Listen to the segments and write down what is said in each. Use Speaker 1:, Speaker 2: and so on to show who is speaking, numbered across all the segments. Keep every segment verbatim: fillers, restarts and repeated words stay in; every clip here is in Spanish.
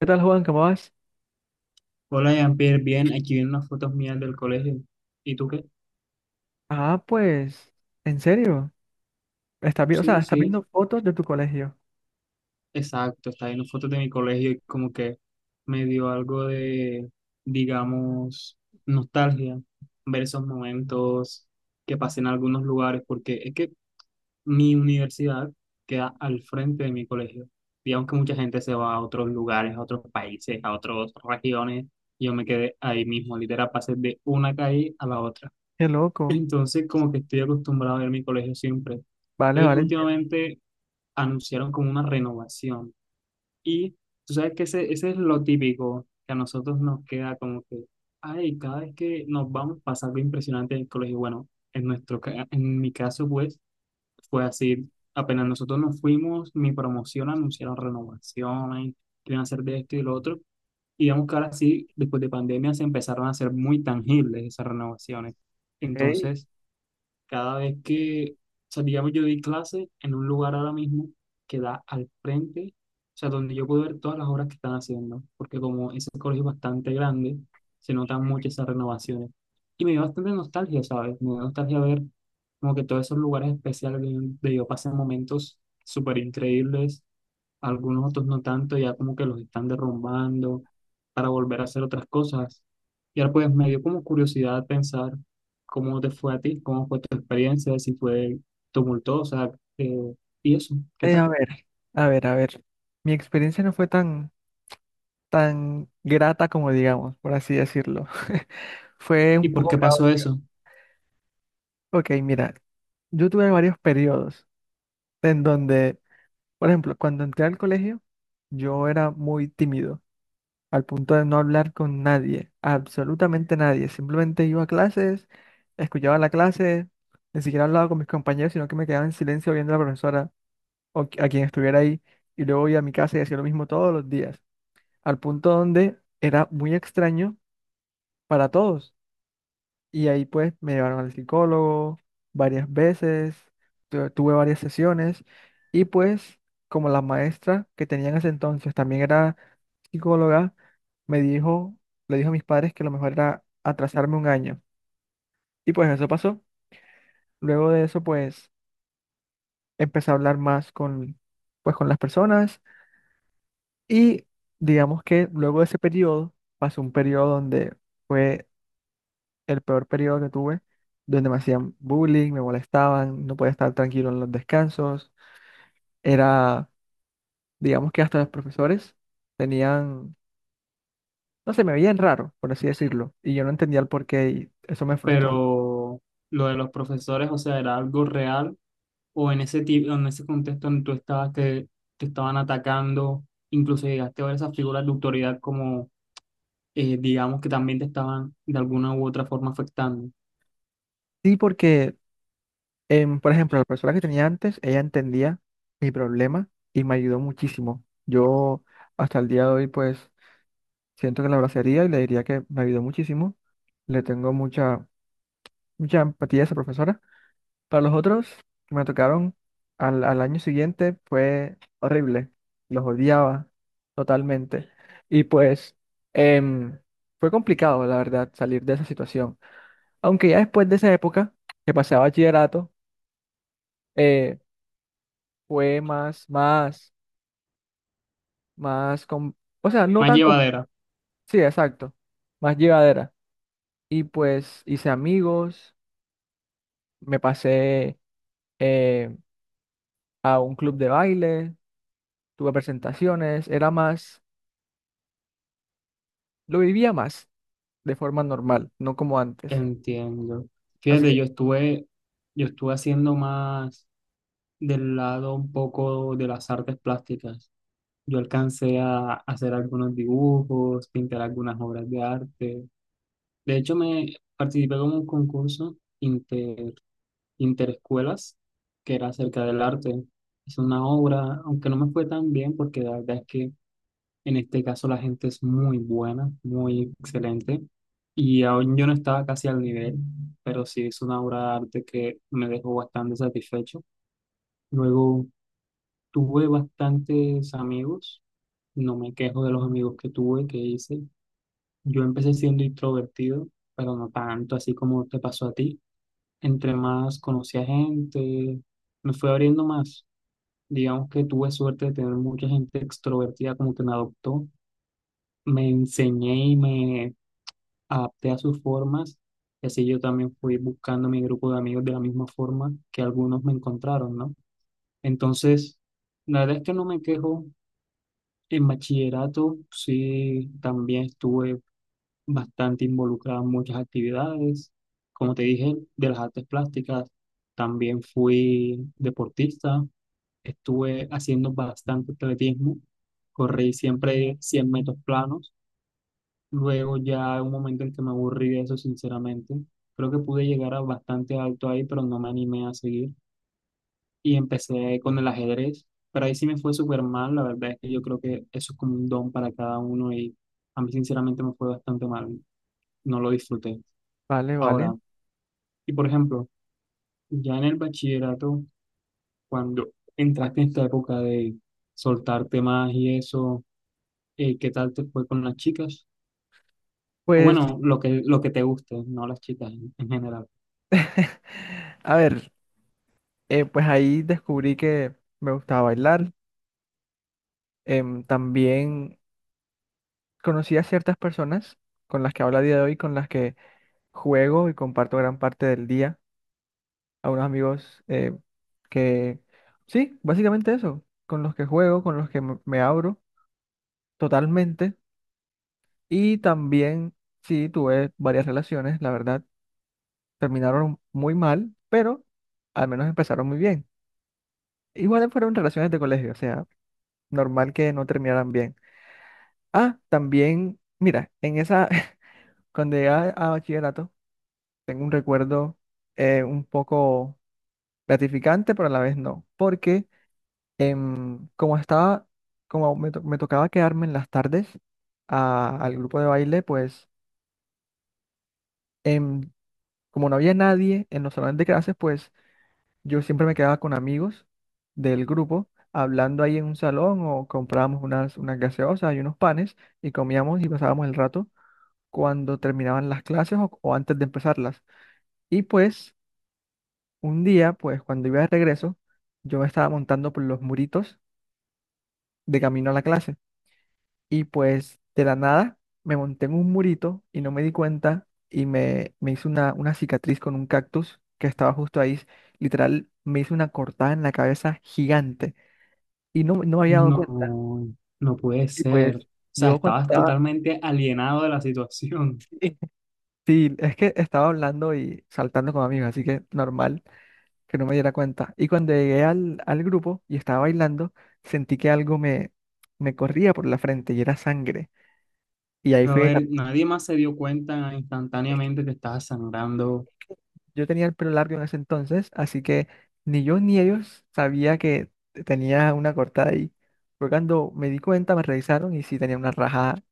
Speaker 1: ¿Qué tal, Juan? ¿Cómo vas?
Speaker 2: Hola, Jean-Pierre, bien, aquí vienen unas fotos mías del colegio. ¿Y tú qué?
Speaker 1: Ah, pues, en serio. Estás vi- o sea,
Speaker 2: Sí,
Speaker 1: estás
Speaker 2: sí,
Speaker 1: viendo fotos de tu colegio.
Speaker 2: exacto, está viendo fotos de mi colegio y como que me dio algo de, digamos, nostalgia ver esos momentos que pasé en algunos lugares, porque es que mi universidad queda al frente de mi colegio. Digamos que mucha gente se va a otros lugares, a otros países, a otras regiones, y yo me quedé ahí mismo, literal, pasé de una calle a la otra.
Speaker 1: Qué loco.
Speaker 2: Entonces, como que estoy acostumbrado a ver mi colegio siempre.
Speaker 1: Vale,
Speaker 2: Entonces,
Speaker 1: vale, entiendo.
Speaker 2: últimamente anunciaron como una renovación. Y tú sabes que ese, ese es lo típico que a nosotros nos queda como que, ay, cada vez que nos vamos pasa algo impresionante en el colegio. Bueno, en nuestro, ca- en mi caso, pues, fue así. Apenas nosotros nos fuimos, mi promoción anunciaron renovaciones, que iban a hacer de esto y de lo otro. Y digamos que ahora sí, después de pandemia, se empezaron a hacer muy tangibles esas renovaciones.
Speaker 1: Ok.
Speaker 2: Entonces, cada vez que, o sea, digamos, yo doy clase en un lugar ahora mismo que da al frente, o sea, donde yo puedo ver todas las obras que están haciendo, porque como ese colegio es bastante grande, se notan mucho esas renovaciones. Y me dio bastante nostalgia, ¿sabes? Me dio nostalgia ver como que todos esos lugares especiales donde yo pasé momentos súper increíbles algunos otros no tanto, ya como que los están derrumbando para volver a hacer otras cosas. Y ahora pues me dio como curiosidad pensar cómo te fue a ti, cómo fue tu experiencia, si fue tumultuosa, eh, y eso, ¿qué
Speaker 1: Eh,
Speaker 2: tal?
Speaker 1: a ver, a ver, a ver. Mi experiencia no fue tan, tan grata como digamos, por así decirlo. Fue
Speaker 2: ¿Y
Speaker 1: un
Speaker 2: por
Speaker 1: poco
Speaker 2: qué pasó
Speaker 1: caótica.
Speaker 2: eso?
Speaker 1: Ok, mira, yo tuve varios periodos en donde, por ejemplo, cuando entré al colegio, yo era muy tímido, al punto de no hablar con nadie, absolutamente nadie. Simplemente iba a clases, escuchaba la clase, ni siquiera hablaba con mis compañeros, sino que me quedaba en silencio viendo a la profesora o qui- a quien estuviera ahí. Y luego iba a mi casa y hacía lo mismo todos los días, al punto donde era muy extraño para todos. Y ahí pues me llevaron al psicólogo varias veces, tu- tuve varias sesiones y pues como la maestra que tenía en ese entonces también era psicóloga, me dijo, le dijo a mis padres que lo mejor era atrasarme un año. Y pues eso pasó. Luego de eso pues empecé a hablar más con, pues, con las personas y digamos que luego de ese periodo pasó un periodo donde fue el peor periodo que tuve, donde me hacían bullying, me molestaban, no podía estar tranquilo en los descansos. Era, digamos que hasta los profesores tenían, no sé, me veían raro, por así decirlo, y yo no entendía el porqué y eso me frustró.
Speaker 2: Pero lo de los profesores, o sea, ¿era algo real? ¿O en ese, ti- en ese contexto en que tú estabas que te estaban atacando, incluso llegaste a ver esas figuras de autoridad como, eh, digamos, que también te estaban de alguna u otra forma afectando?
Speaker 1: Sí, porque, em, por ejemplo, la profesora que tenía antes, ella entendía mi problema y me ayudó muchísimo. Yo hasta el día de hoy, pues, siento que la abrazaría y le diría que me ayudó muchísimo. Le tengo mucha, mucha empatía a esa profesora. Para los otros que me tocaron al, al año siguiente fue horrible. Los odiaba totalmente. Y pues em, fue complicado, la verdad, salir de esa situación. Aunque ya después de esa época que pasé a bachillerato, eh, fue más, más, más, com- o sea, no
Speaker 2: Más
Speaker 1: tan, com-
Speaker 2: llevadera.
Speaker 1: sí, exacto, más llevadera. Y pues hice amigos, me pasé eh, a un club de baile, tuve presentaciones, era más. Lo vivía más de forma normal, no como antes.
Speaker 2: Entiendo.
Speaker 1: Así
Speaker 2: Fíjate,
Speaker 1: que,
Speaker 2: yo estuve, yo estuve haciendo más del lado un poco de las artes plásticas. Yo alcancé a hacer algunos dibujos, pintar algunas obras de arte. De hecho, me participé en un concurso inter, interescuelas que era acerca del arte. Hice una obra, aunque no me fue tan bien porque la verdad es que en este caso la gente es muy buena, muy excelente. Y aún yo no estaba casi al nivel, pero sí es una obra de arte que me dejó bastante satisfecho. Luego tuve bastantes amigos, no me quejo de los amigos que tuve, que hice. Yo empecé siendo introvertido, pero no tanto así como te pasó a ti. Entre más conocí a gente, me fui abriendo más. Digamos que tuve suerte de tener mucha gente extrovertida como que me adoptó. Me enseñé y me adapté a sus formas y así yo también fui buscando mi grupo de amigos de la misma forma que algunos me encontraron, ¿no? Entonces, la verdad es que no me quejo. En bachillerato sí también estuve bastante involucrado en muchas actividades. Como te dije, de las artes plásticas también fui deportista. Estuve haciendo bastante atletismo. Corrí siempre cien metros planos. Luego ya un momento en que me aburrí de eso, sinceramente. Creo que pude llegar a bastante alto ahí, pero no me animé a seguir. Y empecé con el ajedrez, pero ahí sí me fue súper mal. La verdad es que yo creo que eso es como un don para cada uno y a mí sinceramente me fue bastante mal. No lo disfruté.
Speaker 1: vale, vale.
Speaker 2: Ahora, y por ejemplo, ya en el bachillerato, cuando entraste en esta época de soltarte más y eso, eh, ¿qué tal te fue con las chicas? O
Speaker 1: Pues,
Speaker 2: bueno, lo que, lo que te guste, no las chicas en en general.
Speaker 1: a ver, eh, pues ahí descubrí que me gustaba bailar. Em, también conocí a ciertas personas con las que hablo a día de hoy, con las que juego y comparto gran parte del día. A unos amigos eh, que, sí, básicamente eso, con los que juego, con los que me me abro totalmente. Y también, sí, tuve varias relaciones, la verdad. Terminaron muy mal, pero al menos empezaron muy bien. Igual fueron relaciones de colegio, o sea, normal que no terminaran bien. Ah, también, mira, en esa, cuando llegué a, a bachillerato, tengo un recuerdo eh, un poco gratificante, pero a la vez no, porque em, como estaba, como me, to- me tocaba quedarme en las tardes a- al grupo de baile, pues em, como no había nadie en los salones de clases, pues yo siempre me quedaba con amigos del grupo hablando ahí en un salón o comprábamos unas, unas gaseosas y unos panes y comíamos y pasábamos el rato cuando terminaban las clases o, o antes de empezarlas. Y pues un día, pues cuando iba de regreso, yo me estaba montando por los muritos de camino a la clase y pues de la nada me monté en un murito y no me di cuenta y me, me hice una, una cicatriz con un cactus que estaba justo ahí. Literal, me hice una cortada en la cabeza gigante. Y no, no me había dado cuenta.
Speaker 2: No, no puede
Speaker 1: Y pues
Speaker 2: ser. O sea,
Speaker 1: yo cuando
Speaker 2: estabas
Speaker 1: estaba,
Speaker 2: totalmente alienado de la situación.
Speaker 1: sí, es que estaba hablando y saltando con amigos, así que normal que no me diera cuenta. Y cuando llegué al, al grupo y estaba bailando, sentí que algo me, me corría por la frente y era sangre. Y ahí
Speaker 2: Pero a
Speaker 1: fue,
Speaker 2: ver, nadie más se dio cuenta
Speaker 1: es que
Speaker 2: instantáneamente que estabas sangrando
Speaker 1: yo tenía el pelo largo en ese entonces, así que ni yo ni ellos sabía que tenía una cortada ahí. Fue cuando me di cuenta, me revisaron y sí tenía una rajada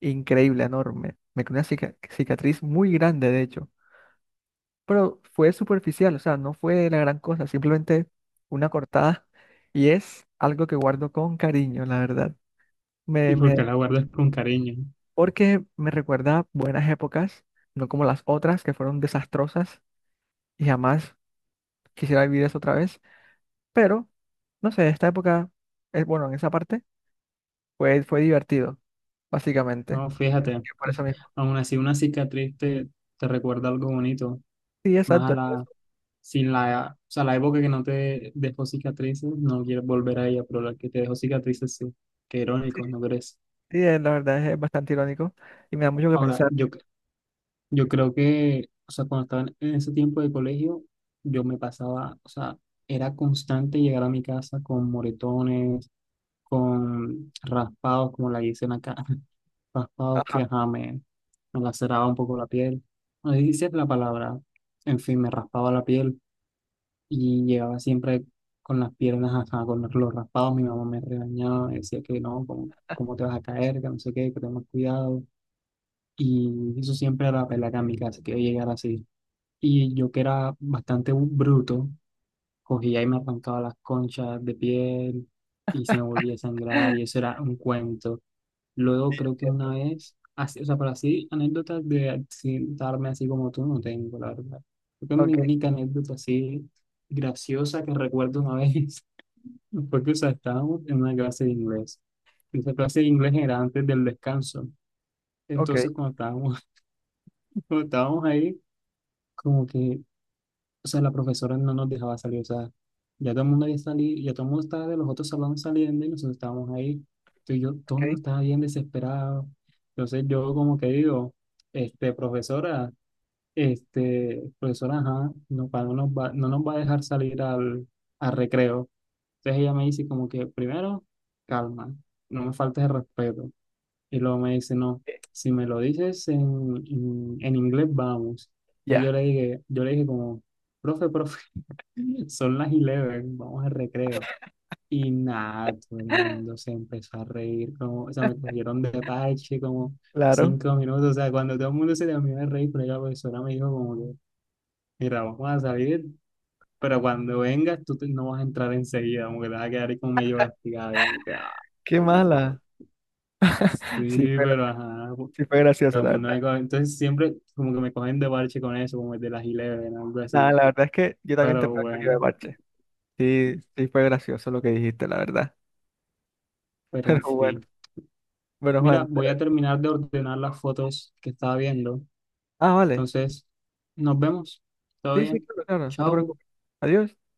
Speaker 1: increíble, enorme. Me quedó una cica- cicatriz muy grande, de hecho. Pero fue superficial, o sea, no fue la gran cosa, simplemente una cortada y es algo que guardo con cariño, la verdad. Me,
Speaker 2: y porque
Speaker 1: me,
Speaker 2: la guardas con cariño.
Speaker 1: porque me recuerda buenas épocas, no como las otras que fueron desastrosas y jamás quisiera vivir eso otra vez, pero no sé, esta época, es bueno, en esa parte fue, fue divertido, básicamente.
Speaker 2: No,
Speaker 1: Así
Speaker 2: fíjate,
Speaker 1: que por eso mismo.
Speaker 2: aún así una cicatriz te, te recuerda algo bonito.
Speaker 1: Sí,
Speaker 2: Más
Speaker 1: exacto.
Speaker 2: a
Speaker 1: Es que
Speaker 2: la,
Speaker 1: eso-
Speaker 2: sin la, O sea, la época que no te dejó cicatrices, no quieres volver a ella, pero la que te dejó cicatrices sí. Qué
Speaker 1: sí,
Speaker 2: irónico, ¿no crees?
Speaker 1: sí, eh, la verdad es eh, bastante irónico y me da mucho que
Speaker 2: Ahora,
Speaker 1: pensar.
Speaker 2: yo Yo creo que, o sea, cuando estaba en ese tiempo de colegio, yo me pasaba, o sea, era constante llegar a mi casa con moretones, con raspados, como la dicen acá, raspados que,
Speaker 1: Ajá.
Speaker 2: ajá, me, me laceraba un poco la piel. No dice la palabra, en fin, me raspaba la piel y llegaba siempre con las piernas, ajá, con los los raspados. Mi mamá me regañaba, me decía que no, cómo, cómo te vas a caer, que no sé qué, que tengas cuidado. Y eso siempre era la pelea acá en mi casa, que yo llegara así. Y yo que era bastante bu- bruto, cogía y me arrancaba las conchas de piel y se me volvía a sangrar y eso era un cuento. Luego creo que una
Speaker 1: Entiendo.
Speaker 2: vez, así, o sea, pero así anécdotas de accidentarme así como tú no tengo, la verdad. Creo que mi
Speaker 1: Ok,
Speaker 2: única anécdota así graciosa que recuerdo una vez fue que, o sea, estábamos en una clase de inglés. Esa clase de inglés era antes del descanso.
Speaker 1: ok,
Speaker 2: Entonces cuando estábamos, cuando estábamos ahí, como que o sea, la profesora no nos dejaba salir, o sea, ya todo el mundo había salido, ya todo el mundo estaba de los otros salones saliendo y nosotros estábamos ahí, entonces yo, todo el mundo
Speaker 1: ok.
Speaker 2: estaba bien desesperado, entonces yo como que digo, este, profesora, este, profesora, ajá, no, pa- no nos va, no nos va a dejar salir al, al recreo, entonces ella me dice como que, primero, calma, no me faltes el respeto, y luego me dice, no, si me lo dices en, en, en inglés, vamos, entonces yo
Speaker 1: Ya,
Speaker 2: le dije, yo le dije como, profe, profe, son las once, vamos al recreo. Y nada, todo el mundo se empezó a reír, como, o sea, me cogieron de parche como
Speaker 1: claro.
Speaker 2: cinco minutos, o sea, cuando todo el mundo se terminó de reír, pero la profesora me dijo como que, mira, vamos a salir, pero cuando vengas tú te- no vas a entrar enseguida, como que te vas a quedar ahí como medio castigado, y como que, ah,
Speaker 1: Qué
Speaker 2: güey.
Speaker 1: mala. Sí
Speaker 2: Sí,
Speaker 1: fue,
Speaker 2: pero
Speaker 1: graci-
Speaker 2: ajá, pues,
Speaker 1: sí fue gracioso,
Speaker 2: todo el
Speaker 1: la
Speaker 2: mundo
Speaker 1: verdad.
Speaker 2: me coge, entonces siempre como que me cogen de parche con eso, como el de las once, algo
Speaker 1: Nada,
Speaker 2: así,
Speaker 1: la verdad es que yo también te
Speaker 2: pero
Speaker 1: fui cogido de
Speaker 2: bueno,
Speaker 1: parche. Sí, sí fue gracioso lo que dijiste, la verdad.
Speaker 2: pero en
Speaker 1: Pero bueno,
Speaker 2: fin.
Speaker 1: bueno,
Speaker 2: Mira,
Speaker 1: Juan,
Speaker 2: voy a
Speaker 1: te-
Speaker 2: terminar de ordenar las fotos que estaba viendo.
Speaker 1: Ah, vale.
Speaker 2: Entonces, nos vemos. Todo
Speaker 1: Sí, sí,
Speaker 2: bien.
Speaker 1: claro, claro. No te
Speaker 2: Chao.
Speaker 1: preocupes. Adiós.